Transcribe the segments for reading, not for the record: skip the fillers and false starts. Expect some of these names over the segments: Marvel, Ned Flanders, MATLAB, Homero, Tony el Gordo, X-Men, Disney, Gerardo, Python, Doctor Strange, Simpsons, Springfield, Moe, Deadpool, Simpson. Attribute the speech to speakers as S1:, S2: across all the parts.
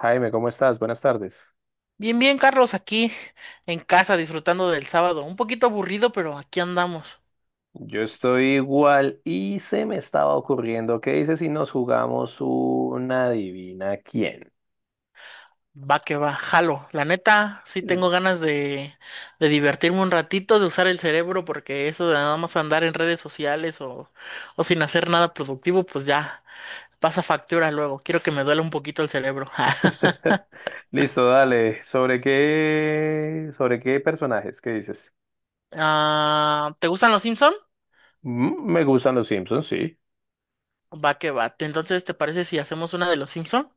S1: Jaime, ¿cómo estás? Buenas tardes.
S2: Bien, bien, Carlos, aquí en casa disfrutando del sábado. Un poquito aburrido, pero aquí andamos.
S1: Yo estoy igual y se me estaba ocurriendo, ¿qué dices si nos jugamos una adivina quién?
S2: Va que va, jalo. La neta, sí
S1: L-
S2: tengo ganas de divertirme un ratito, de usar el cerebro, porque eso de nada más andar en redes sociales o sin hacer nada productivo, pues ya pasa factura luego. Quiero que me duela un poquito el cerebro.
S1: Listo, dale. Sobre qué personajes? ¿Qué dices?
S2: Ah, ¿te gustan los Simpson?
S1: Me gustan los Simpsons, sí.
S2: Va que va. Entonces, ¿te parece si hacemos una de los Simpson?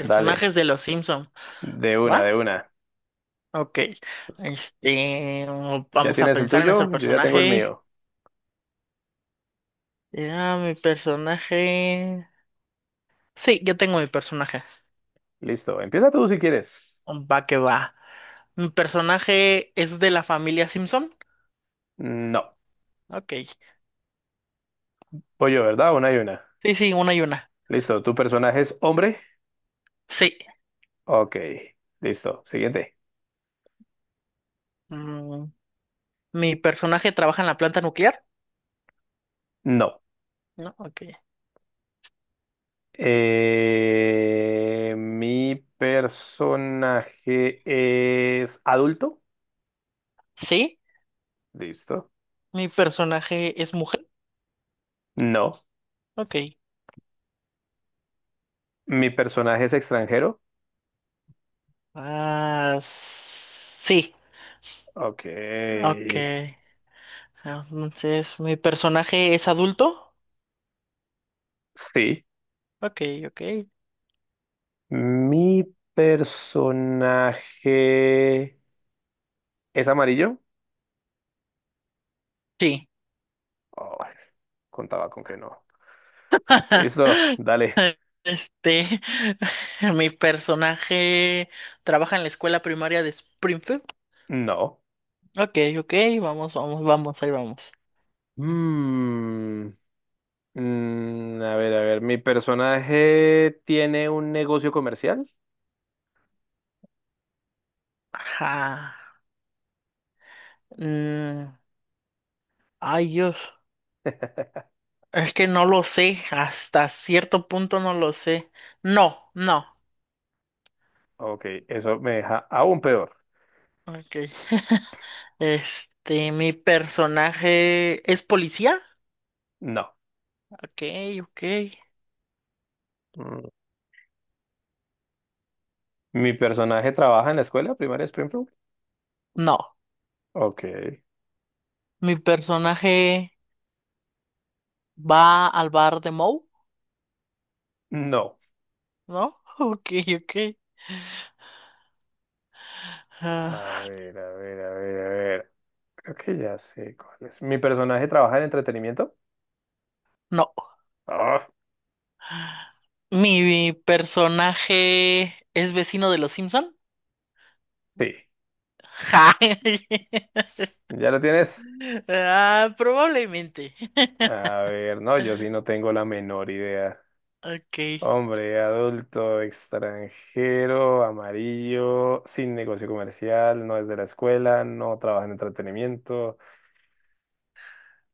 S1: Dale,
S2: de los Simpson,
S1: de una,
S2: ¿va?
S1: de una.
S2: Ok,
S1: ¿Ya
S2: vamos a
S1: tienes el
S2: pensar en
S1: tuyo?
S2: nuestro
S1: Yo ya tengo el
S2: personaje.
S1: mío.
S2: Ya, mi personaje. Sí, ya tengo mi personaje.
S1: Listo, empieza tú si quieres.
S2: Va que va. Mi personaje es de la familia Simpson.
S1: No,
S2: Ok.
S1: voy yo, ¿verdad? Una y una.
S2: Sí, sí, una y una.
S1: Listo, ¿tu personaje es hombre?
S2: Sí.
S1: Ok, listo. Siguiente.
S2: Mm, Mi personaje trabaja en la planta nuclear.
S1: No.
S2: No, ok.
S1: Mi personaje es adulto.
S2: Sí.
S1: Listo.
S2: Mi personaje es mujer.
S1: No.
S2: Ok.
S1: Mi personaje es extranjero.
S2: Ah, sí.
S1: Ok.
S2: Ok. Entonces, mi personaje es adulto.
S1: Sí.
S2: Ok, ok.
S1: Mi personaje es amarillo.
S2: Sí.
S1: Oh, contaba con que no. Listo. Dale.
S2: Este, mi personaje trabaja en la escuela primaria de Springfield.
S1: No.
S2: Ok, ok, vamos, vamos, vamos, ahí vamos.
S1: Mm, a ver, a ver. Mi personaje tiene un negocio comercial.
S2: Ajá. Mm, ay, Dios. Es que no lo sé. Hasta cierto punto no lo sé. No, no.
S1: Ok, eso me deja aún peor.
S2: Ok. Mi personaje es policía.
S1: No.
S2: Ok, ok.
S1: Mm. ¿Mi personaje trabaja en la escuela primaria de Springfield?
S2: No.
S1: Ok.
S2: Mi personaje va al bar de Moe,
S1: No.
S2: ¿no? Ok, ok.
S1: A
S2: Ah,
S1: ver, a ver, a ver, a ver. Creo que ya sé cuál es. ¿Mi personaje trabaja en entretenimiento?
S2: no.
S1: Ah,
S2: ¿Mi personaje es vecino de los Simpson?
S1: sí.
S2: Ja.
S1: ¿Ya lo tienes?
S2: Ah, probablemente.
S1: A ver, no, yo sí no tengo la menor idea.
S2: Ok.
S1: Hombre, adulto, extranjero, amarillo, sin negocio comercial, no es de la escuela, no trabaja en entretenimiento.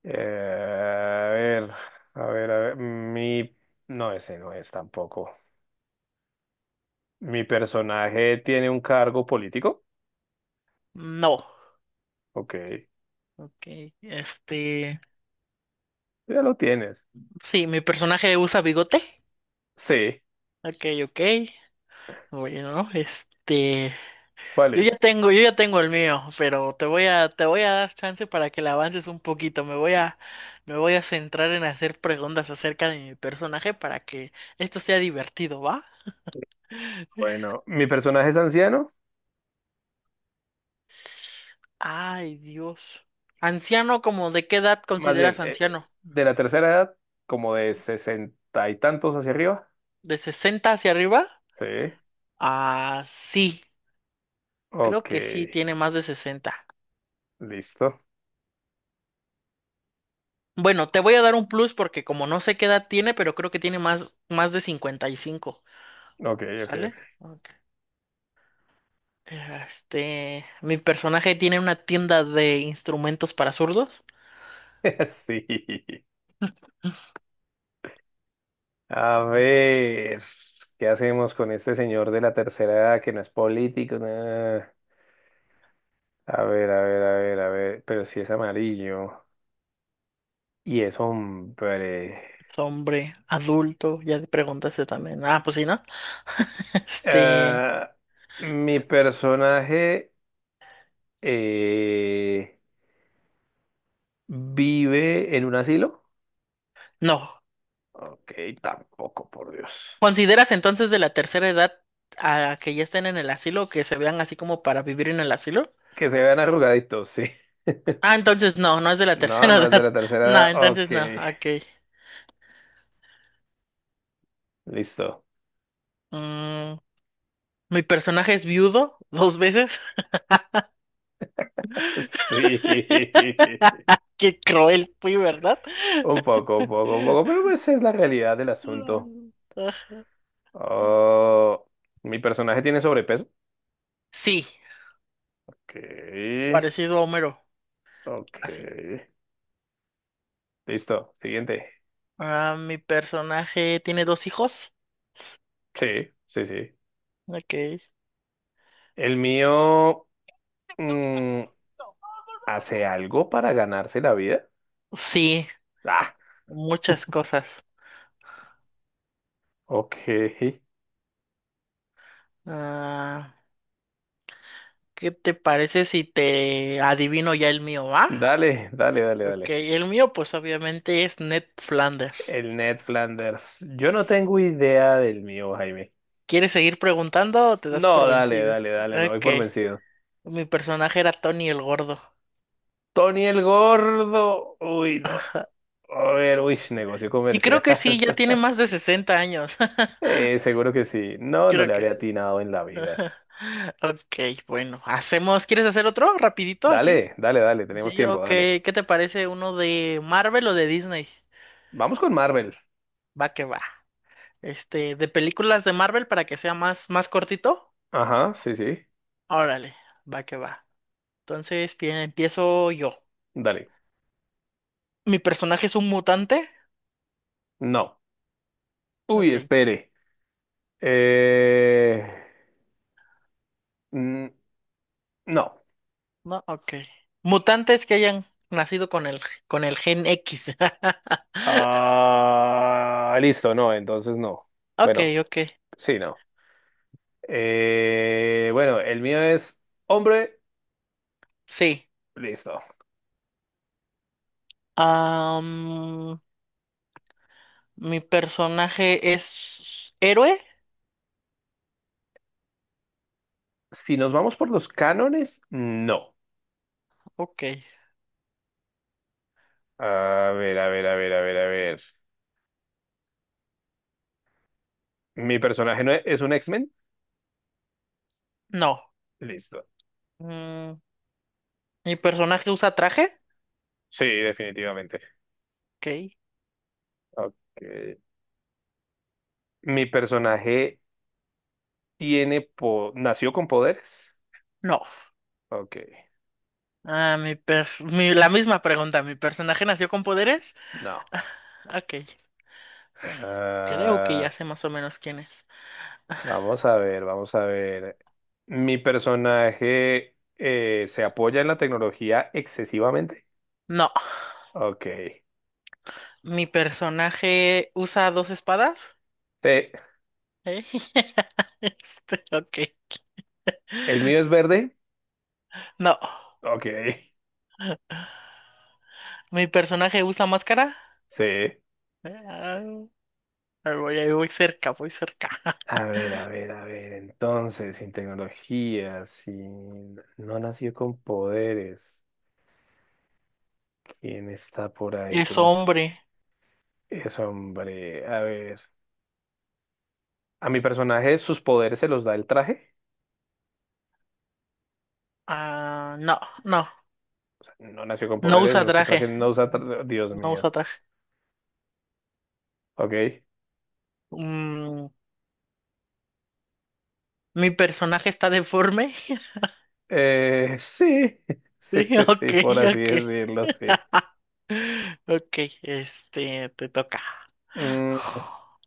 S1: Eh, a ver, a ver, a ver. Mi. No, ese no es tampoco. ¿Mi personaje tiene un cargo político?
S2: No.
S1: Ok,
S2: Ok. Este.
S1: ya lo tienes.
S2: Sí, mi personaje usa bigote.
S1: Sí,
S2: Ok, ok. Bueno, este.
S1: ¿cuál es?
S2: Yo ya tengo el mío, pero te voy a dar chance para que le avances un poquito. Me voy a centrar en hacer preguntas acerca de mi personaje para que esto sea divertido, ¿va?
S1: Bueno, ¿mi personaje es anciano?
S2: Ay, Dios. Anciano, ¿como de qué edad
S1: Más bien,
S2: consideras anciano?
S1: de la tercera edad, como de sesenta y tantos hacia arriba.
S2: ¿De sesenta hacia arriba?
S1: Sí,
S2: Ah, sí. Creo
S1: ok,
S2: que sí, tiene más de 60.
S1: listo.
S2: Bueno, te voy a dar un plus porque como no sé qué edad tiene, pero creo que tiene más de cincuenta y cinco.
S1: Ok, ok, ok.
S2: ¿Sale? Ok. Mi personaje tiene una tienda de instrumentos para zurdos.
S1: Sí. A ver, ¿qué hacemos con este señor de la tercera edad que no es político? Nah. A ver, a ver, a ver, a ver. Pero si es amarillo y es hombre.
S2: Es hombre, adulto, ya te preguntaste también. Ah, pues sí, ¿no? Este,
S1: Eh, mi personaje eh, vive en un asilo.
S2: no.
S1: Ok, tampoco, por Dios.
S2: ¿Consideras entonces de la tercera edad a que ya estén en el asilo o que se vean así como para vivir en el asilo?
S1: Que se vean arrugaditos, sí.
S2: Ah, entonces no, no es de la
S1: No,
S2: tercera
S1: no es de la
S2: edad.
S1: tercera
S2: No,
S1: edad.
S2: entonces
S1: Ok,
S2: no, ok.
S1: listo.
S2: Mm, mi personaje es viudo dos veces.
S1: Sí,
S2: Qué cruel fui, ¿verdad?
S1: un poco, un poco, un poco, pero esa es la realidad del asunto. Oh, mi personaje tiene sobrepeso.
S2: Sí,
S1: Ok.
S2: parecido a Homero,
S1: Ok.
S2: así.
S1: Listo. Siguiente.
S2: Ah, mi personaje tiene dos hijos.
S1: Sí, sí, sí.
S2: Ok.
S1: El mío mm, hace algo para ganarse la vida.
S2: Sí,
S1: Ah,
S2: muchas cosas.
S1: ok.
S2: Ah, ¿qué te parece si te adivino ya el mío, va?
S1: Dale, dale, dale,
S2: Ok,
S1: dale.
S2: el mío pues obviamente es Ned Flanders.
S1: El Ned Flanders. Yo no tengo idea del mío, Jaime.
S2: ¿Quieres seguir preguntando o te das por
S1: No, dale,
S2: vencido?
S1: dale, dale. Me voy
S2: Ok,
S1: por vencido.
S2: mi personaje era Tony el Gordo.
S1: Tony el Gordo. Uy, no. A ver, uy, negocio
S2: Y creo
S1: comercial.
S2: que sí, ya tiene más de 60 años.
S1: Seguro que sí. No, no
S2: Creo
S1: le
S2: que
S1: habría
S2: sí.
S1: atinado en la vida.
S2: Ok, bueno, hacemos. ¿Quieres hacer otro rapidito así?
S1: Dale, dale, dale. Tenemos
S2: Sí,
S1: tiempo,
S2: ok.
S1: dale.
S2: ¿Qué te parece uno de Marvel o de Disney?
S1: Vamos con Marvel.
S2: Va que va. Este, de películas de Marvel para que sea más cortito.
S1: Ajá, sí, sí.
S2: Órale, va que va. Entonces, bien, empiezo yo.
S1: Dale.
S2: ¿Mi personaje es un mutante?
S1: No. Uy,
S2: Ok.
S1: espere. Eh, mm, no.
S2: No, ok. Mutantes que hayan nacido con el gen X.
S1: Ah, listo, no, entonces no.
S2: Ok,
S1: Bueno,
S2: ok.
S1: sí, no. Bueno, el mío es hombre.
S2: Sí.
S1: Listo.
S2: Am, ¿mi personaje es héroe?
S1: Si nos vamos por los cánones, no.
S2: Ok.
S1: A ver, a ver, a ver, a ver, a ver. ¿Mi personaje no es, es un X-Men?
S2: No.
S1: Listo.
S2: Mm, ¿Mi personaje usa traje?
S1: Sí, definitivamente.
S2: Ok.
S1: Ok. ¿Mi personaje nació con poderes?
S2: No.
S1: Ok,
S2: Ah, la misma pregunta. ¿Mi personaje nació con poderes?
S1: no.
S2: Ok. Creo que
S1: Ah,
S2: ya sé más o menos quién es.
S1: vamos a ver, vamos a ver. ¿Mi personaje se apoya en la tecnología excesivamente?
S2: No,
S1: Ok.
S2: mi personaje usa dos espadas.
S1: Te-
S2: ¿Eh? Este, ok.
S1: ¿El mío es verde?
S2: No,
S1: Ok,
S2: mi personaje usa máscara.
S1: sí.
S2: Ah, ahí voy cerca, voy cerca.
S1: A ver, a ver, a ver. Entonces, sin tecnología, sin no nació con poderes. ¿Quién está por ahí?
S2: Es
S1: ¿Quién es?
S2: hombre.
S1: Es hombre. A ver. ¿A mi personaje sus poderes se los da el traje?
S2: Ah,
S1: No nació con
S2: no
S1: poderes,
S2: usa
S1: no se traje,
S2: traje.
S1: no usa, tra- Dios
S2: No
S1: mío.
S2: usa traje.
S1: Ok.
S2: Mm, mi personaje está deforme.
S1: Sí, sí,
S2: Sí,
S1: sí,
S2: ok,
S1: sí, por así
S2: ok.
S1: decirlo, sí.
S2: Ok, este, te toca.
S1: Mm,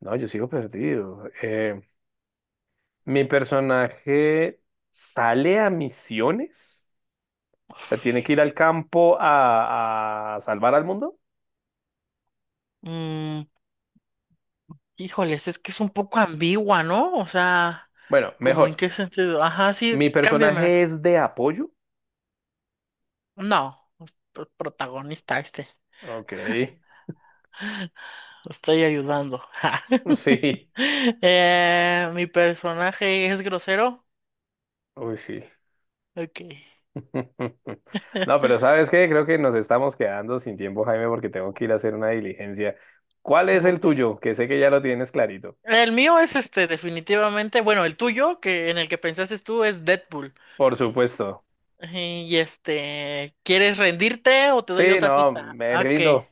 S1: no, yo sigo perdido. Mi personaje sale a misiones, o sea, tiene que ir al campo a salvar al mundo.
S2: Mm, híjoles, es que es un poco ambigua, ¿no? O sea,
S1: Bueno,
S2: como en
S1: mejor.
S2: qué sentido. Ajá, sí,
S1: Mi
S2: cámbiame.
S1: personaje es de apoyo.
S2: No, protagonista este.
S1: Ok,
S2: Lo estoy ayudando.
S1: sí,
S2: Mi personaje es grosero.
S1: uy, sí.
S2: Ok.
S1: No, pero ¿sabes qué? Creo que nos estamos quedando sin tiempo, Jaime, porque tengo que ir a hacer una diligencia. ¿Cuál es el
S2: Ok.
S1: tuyo? Que sé que ya lo tienes clarito.
S2: El mío es este, definitivamente. Bueno, el tuyo, que en el que pensaste tú, es Deadpool.
S1: Por supuesto.
S2: Y este, ¿quieres rendirte o te doy
S1: Sí,
S2: otra
S1: no,
S2: pista?
S1: me
S2: Ok.
S1: rindo.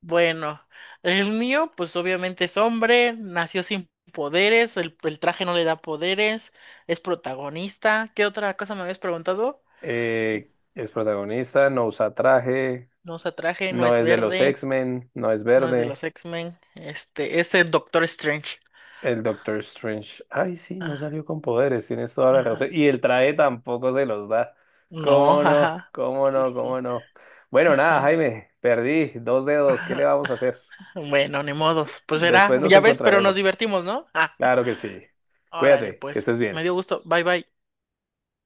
S2: Bueno, el mío, pues obviamente es hombre, nació sin poderes, el traje no le da poderes, es protagonista. ¿Qué otra cosa me habías preguntado?
S1: Es protagonista, no usa traje,
S2: No usa traje, no
S1: no
S2: es
S1: es de los
S2: verde,
S1: X-Men, no es
S2: no es de
S1: verde.
S2: los X-Men, este, es el Doctor Strange.
S1: El Doctor Strange. Ay, sí, no
S2: Ah,
S1: salió con poderes, tienes toda la
S2: ajá.
S1: razón. Y el traje
S2: So-
S1: tampoco se los da.
S2: No,
S1: ¿Cómo no?
S2: ajá.
S1: ¿Cómo
S2: Sí,
S1: no?
S2: sí.
S1: ¿Cómo no? Bueno, nada,
S2: Ajá,
S1: Jaime, perdí dos dedos. ¿Qué le
S2: ajá.
S1: vamos a hacer?
S2: Bueno, ni modos. Pues será,
S1: Después nos
S2: ya ves, pero nos
S1: encontraremos.
S2: divertimos, ¿no? Ah,
S1: Claro que sí.
S2: órale,
S1: Cuídate, que
S2: pues.
S1: estés
S2: Me
S1: bien.
S2: dio gusto. Bye, bye.